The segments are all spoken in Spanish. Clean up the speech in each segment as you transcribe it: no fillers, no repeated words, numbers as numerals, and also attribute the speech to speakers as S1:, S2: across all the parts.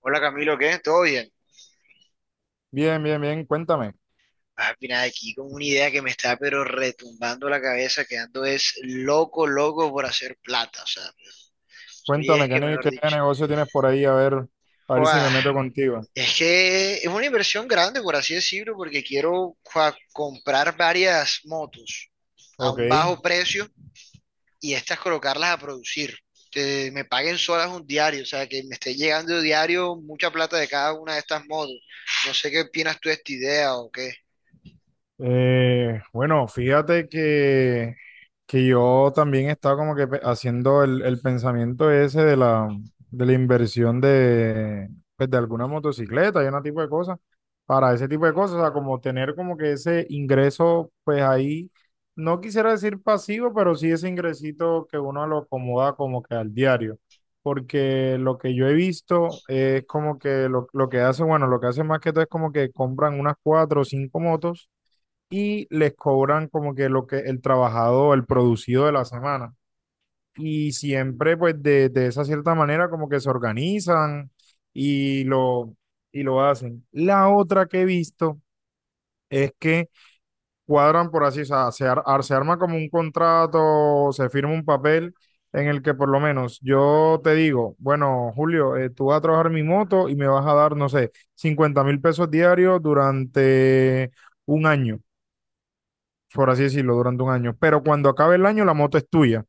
S1: Hola Camilo, ¿qué? ¿Todo bien?
S2: Bien, bien, bien. Cuéntame,
S1: Ah, mira, aquí con una idea que me está pero retumbando la cabeza, quedando es loco, loco por hacer plata, o sea, soy
S2: cuéntame,
S1: es
S2: ¿qué,
S1: que
S2: ne-
S1: mejor
S2: qué
S1: dicho.
S2: negocio tienes por ahí? A ver, si
S1: Joda,
S2: me meto contigo.
S1: es que es una inversión grande, por así decirlo, porque quiero joda, comprar varias motos a
S2: Ok.
S1: un bajo precio y estas colocarlas a producir. Que me paguen solas un diario, o sea, que me esté llegando diario mucha plata de cada una de estas motos. No sé qué opinas tú de esta idea o qué.
S2: Bueno, fíjate que yo también estaba como que haciendo el pensamiento ese de la inversión pues, de alguna motocicleta y una tipo de cosas, para ese tipo de cosas, o sea, como tener como que ese ingreso, pues ahí, no quisiera decir pasivo, pero sí ese ingresito que uno lo acomoda como que al diario, porque lo que yo he visto es como que lo que hace, bueno, lo que hace más que todo es como que compran unas cuatro o cinco motos y les cobran como que lo que el trabajado, el producido de la semana. Y siempre pues de esa cierta manera como que se organizan y lo, y lo hacen. La otra que he visto es que cuadran por así, o sea, se arma como un contrato, se firma un papel en el que por lo menos yo te digo, bueno, Julio, tú vas a trabajar mi moto y me vas a dar, no sé, 50.000 pesos diarios durante un año por así decirlo, durante un año. Pero cuando acabe el año, la moto es tuya.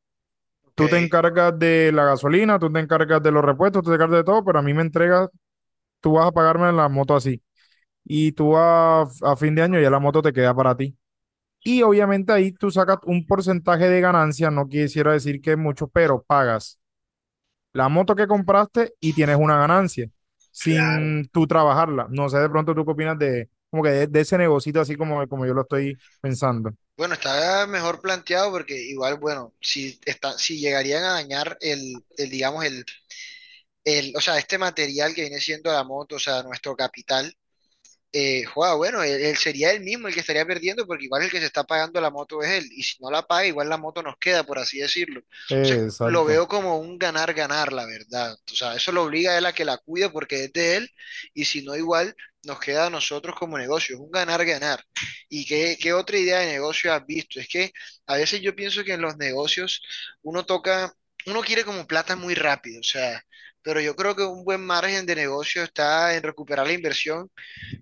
S1: Ok,
S2: Tú te encargas de la gasolina, tú te encargas de los repuestos, tú te encargas de todo, pero a mí me entregas, tú vas a pagarme la moto así. Y tú a fin de año ya la moto te queda para ti. Y obviamente ahí tú sacas un porcentaje de ganancia, no quisiera decir que es mucho, pero pagas la moto que compraste y tienes una ganancia
S1: claro.
S2: sin tú trabajarla. No sé, de pronto tú qué opinas de, como que de ese negocito así como yo lo estoy pensando.
S1: Bueno, está mejor planteado porque igual, bueno, si está, si llegarían a dañar digamos, o sea, este material que viene siendo la moto, o sea, nuestro capital, joda, bueno, él sería él mismo el que estaría perdiendo porque igual el que se está pagando la moto es él y si no la paga igual la moto nos queda, por así decirlo.
S2: Eh,
S1: Entonces lo
S2: Exacto.
S1: veo como un ganar-ganar, la verdad. O sea, eso lo obliga a él a que la cuide porque es de él y si no igual nos queda a nosotros como negocio, es un ganar-ganar. ¿Y qué, qué otra idea de negocio has visto? Es que a veces yo pienso que en los negocios uno toca, uno quiere como plata muy rápido, o sea, pero yo creo que un buen margen de negocio está en recuperar la inversión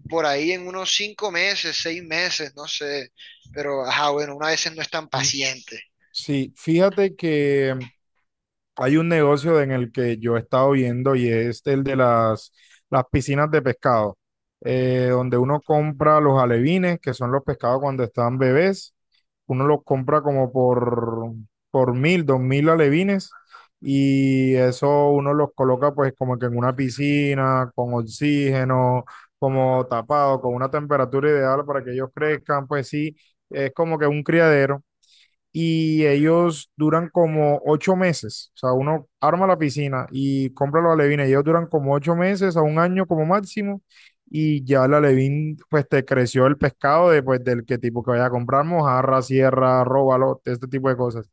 S1: por ahí en unos 5 meses, 6 meses, no sé. Pero, ajá, bueno, una vez no es tan paciente.
S2: Sí, fíjate que hay un negocio en el que yo he estado viendo y es el de las piscinas de pescado, donde uno compra los alevines, que son los pescados cuando están bebés, uno los compra como por 1000, 2000 alevines y eso uno los coloca pues como que en una piscina con oxígeno, como tapado, con una temperatura ideal para que ellos crezcan, pues sí, es como que un criadero y ellos duran como 8 meses. O sea, uno arma la piscina y compra los alevines. Ellos duran como ocho meses a un año como máximo. Y ya el alevín, pues te creció el pescado de, pues, del que tipo que vaya a comprar, mojarra, sierra, róbalo, este tipo de cosas.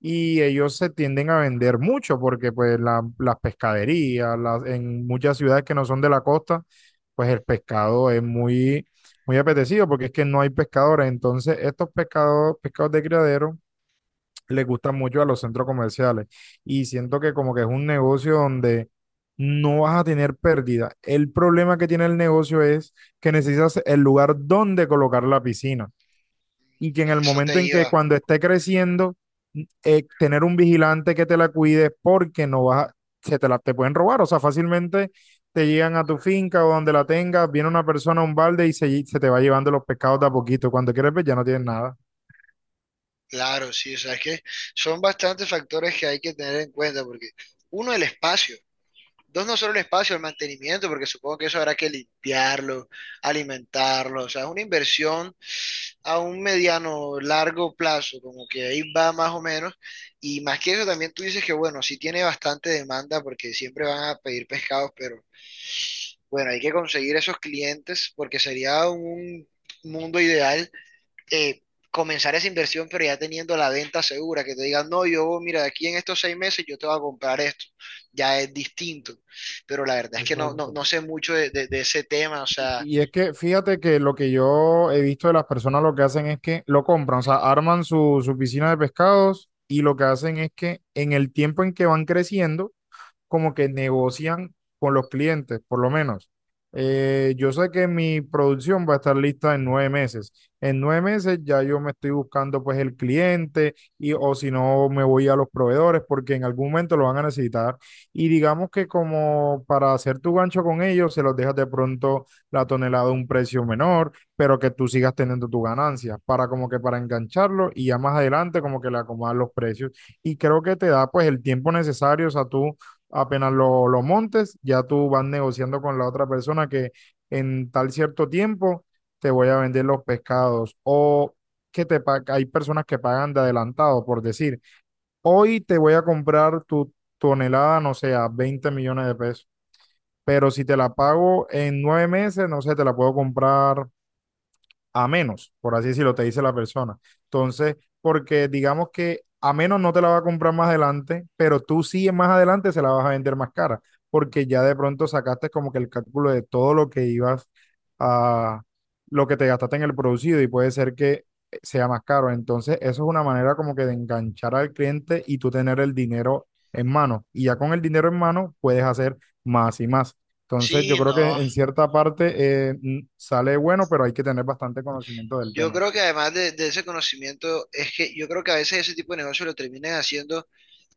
S2: Y ellos se tienden a vender mucho porque pues las pescaderías, las, en muchas ciudades que no son de la costa, pues el pescado es muy, muy apetecido porque es que no hay pescadores. Entonces estos pescados, pescados de criadero le gusta mucho a los centros comerciales. Y siento que como que es un negocio donde no vas a tener pérdida. El problema que tiene el negocio es que necesitas el lugar donde colocar la piscina. Y que en
S1: A
S2: el
S1: eso
S2: momento
S1: te
S2: en que
S1: iba.
S2: cuando esté creciendo, tener un vigilante que te la cuide porque no vas a- se te la te pueden robar. O sea, fácilmente te llegan a tu finca o donde la tengas, viene una persona a un balde y se te va llevando los pescados de a poquito. Cuando quieres ver, ya no tienes nada.
S1: Claro, sí, o sea, es que son bastantes factores que hay que tener en cuenta, porque uno, el espacio, dos, no solo el espacio, el mantenimiento, porque supongo que eso habrá que limpiarlo, alimentarlo, o sea, es una inversión a un mediano, largo plazo, como que ahí va más o menos, y más que eso también tú dices que, bueno, sí tiene bastante demanda, porque siempre van a pedir pescados, pero bueno, hay que conseguir esos clientes porque sería un mundo ideal eh, comenzar esa inversión, pero ya teniendo la venta segura, que te digan, no, yo, mira, de aquí en estos 6 meses yo te voy a comprar esto. Ya es distinto. Pero la verdad es que
S2: Exacto.
S1: no sé mucho de, de ese tema. O
S2: Y
S1: sea,
S2: y es que fíjate que lo que yo he visto de las personas lo que hacen es que lo compran, o sea, arman su piscina de pescados y lo que hacen es que en el tiempo en que van creciendo, como que negocian con los clientes, por lo menos. Yo sé que mi producción va a estar lista en 9 meses. En nueve meses ya yo me estoy buscando pues el cliente y o si no me voy a los proveedores porque en algún momento lo van a necesitar. Y digamos que como para hacer tu gancho con ellos, se los dejas de pronto la tonelada a un precio menor, pero que tú sigas teniendo tu ganancia para como que para engancharlo y ya más adelante como que le acomodas los precios. Y creo que te da pues el tiempo necesario, o sea, tú apenas lo montes, ya tú vas negociando con la otra persona que en tal cierto tiempo te voy a vender los pescados o hay personas que pagan de adelantado por decir, hoy te voy a comprar tu tonelada, no sé, a 20 millones de pesos, pero si te la pago en 9 meses, no sé, te la puedo comprar a menos, por así decirlo, te dice la persona. Entonces, porque digamos que a menos no te la va a comprar más adelante, pero tú sí más adelante se la vas a vender más cara, porque ya de pronto sacaste como que el cálculo de todo lo que ibas a, lo que te gastaste en el producido y puede ser que sea más caro. Entonces, eso es una manera como que de enganchar al cliente y tú tener el dinero en mano. Y ya con el dinero en mano puedes hacer más y más. Entonces, yo
S1: sí,
S2: creo que
S1: no.
S2: en cierta parte sale bueno, pero hay que tener bastante conocimiento del
S1: Yo
S2: tema.
S1: creo que además de ese conocimiento, es que yo creo que a veces ese tipo de negocio lo terminan haciendo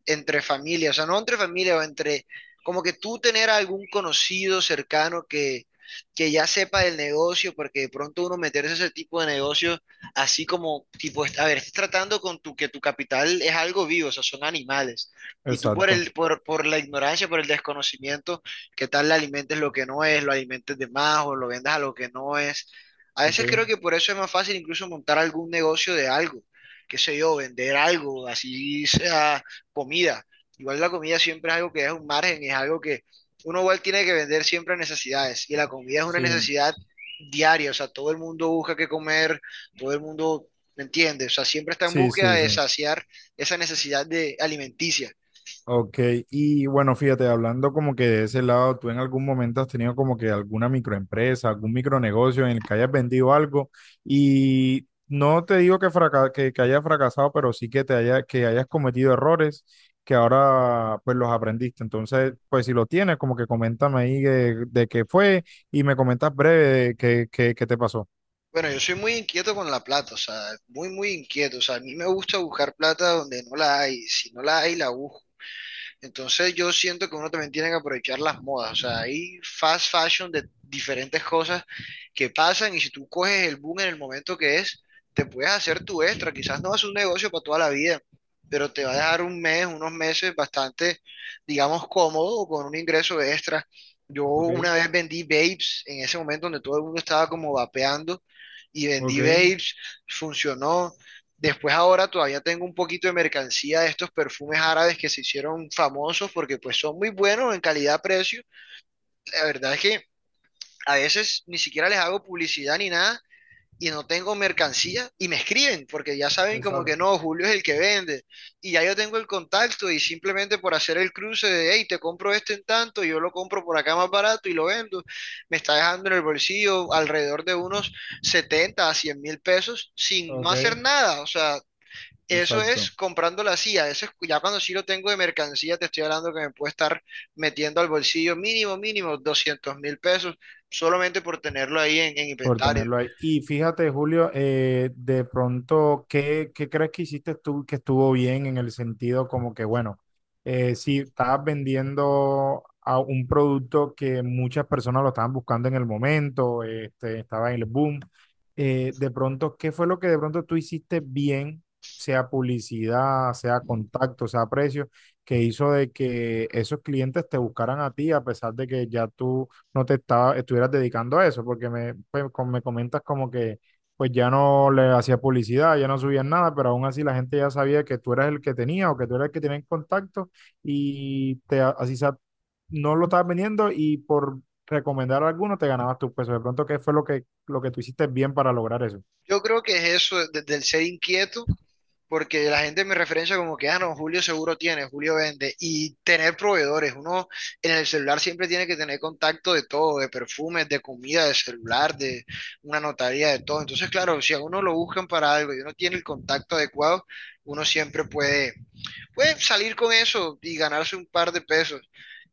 S1: entre familia, o sea, no entre familia, o entre como que tú tener algún conocido cercano que ya sepa del negocio, porque de pronto uno meterse a ese tipo de negocios, así como, tipo, a ver, estás tratando con tu, que tu capital es algo vivo, o sea, son animales, y tú por
S2: Exacto.
S1: el, por la ignorancia, por el desconocimiento, ¿qué tal le alimentes lo que no es, lo alimentes de más, o lo vendas a lo que no es? A veces
S2: Ok.
S1: creo que por eso es más fácil incluso montar algún negocio de algo, qué sé yo, vender algo, así sea comida. Igual la comida siempre es algo que es un margen, es algo que uno igual tiene que vender siempre necesidades y la comida es una
S2: Sí,
S1: necesidad diaria, o sea, todo el mundo busca qué comer, todo el mundo, ¿me entiendes? O sea, siempre está en
S2: sí,
S1: búsqueda
S2: sí, sí.
S1: de saciar esa necesidad de alimenticia.
S2: Ok, y bueno, fíjate, hablando como que de ese lado, ¿tú en algún momento has tenido como que alguna microempresa, algún micronegocio en el que hayas vendido algo y no te digo que, que hayas fracasado, pero sí que te haya, que hayas cometido errores que ahora pues los aprendiste? Entonces, pues si lo tienes, como que coméntame ahí de, qué fue y me comentas breve de qué te pasó.
S1: Bueno, yo soy muy inquieto con la plata, o sea, muy, muy inquieto, o sea, a mí me gusta buscar plata donde no la hay, si no la hay, la busco. Entonces yo siento que uno también tiene que aprovechar las modas, o sea, hay fast fashion de diferentes cosas que pasan y si tú coges el boom en el momento que es, te puedes hacer tu extra, quizás no vas a hacer un negocio para toda la vida, pero te va a dejar un mes, unos meses bastante, digamos, cómodo o con un ingreso extra. Yo
S2: Ok,
S1: una vez vendí vapes en ese momento donde todo el mundo estaba como vapeando y
S2: ok,
S1: vendí vapes, funcionó. Después ahora todavía tengo un poquito de mercancía de estos perfumes árabes que se hicieron famosos porque pues son muy buenos en calidad-precio. La verdad es que a veces ni siquiera les hago publicidad ni nada y no tengo mercancía y me escriben porque ya saben como que
S2: exacto,
S1: no, Julio es el que vende y ya yo tengo el contacto y simplemente por hacer el cruce de, hey, te compro este en tanto, yo lo compro por acá más barato y lo vendo, me está dejando en el bolsillo alrededor de unos 70 a 100 mil pesos sin no
S2: ok,
S1: hacer nada, o sea, eso es
S2: exacto.
S1: comprando la CIA, eso es ya cuando sí lo tengo de mercancía, te estoy hablando que me puede estar metiendo al bolsillo mínimo, mínimo 200 mil pesos solamente por tenerlo ahí en
S2: Por
S1: inventario.
S2: tenerlo ahí. Y fíjate, Julio, de pronto, ¿qué crees que hiciste tú que estuvo bien en el sentido como que, bueno, si estabas vendiendo a un producto que muchas personas lo estaban buscando en el momento, estaba en el boom? De pronto, ¿qué fue lo que de pronto tú hiciste bien, sea publicidad, sea contacto, sea precio, que hizo de que esos clientes te buscaran a ti a pesar de que ya tú no te estaba, estuvieras dedicando a eso, porque pues, me comentas como que pues ya no le hacías publicidad, ya no subías nada, pero aún así la gente ya sabía que tú eras el que tenía o que tú eras el que tenía en contacto y así sea, no lo estabas vendiendo y por recomendar a alguno te ganabas tus pesos. De pronto, ¿qué fue lo que tú hiciste bien para lograr eso?
S1: Yo creo que es eso del ser inquieto, porque la gente me referencia como que, ah, no, Julio seguro tiene, Julio vende, y tener proveedores. Uno en el celular siempre tiene que tener contacto de todo, de perfumes, de comida, de celular, de una notaría, de todo. Entonces, claro, si a uno lo buscan para algo y uno tiene el contacto adecuado, uno siempre puede salir con eso y ganarse un par de pesos.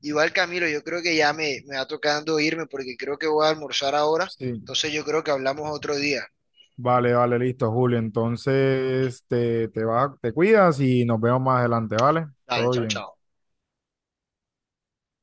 S1: Igual Camilo, yo creo que ya me va tocando irme porque creo que voy a almorzar ahora.
S2: Sí.
S1: Entonces yo creo que hablamos otro día.
S2: Vale, vale, listo, Julio. Entonces, te vas, te cuidas y nos vemos más adelante, ¿vale?
S1: Dale,
S2: Todo
S1: chao,
S2: bien.
S1: chao.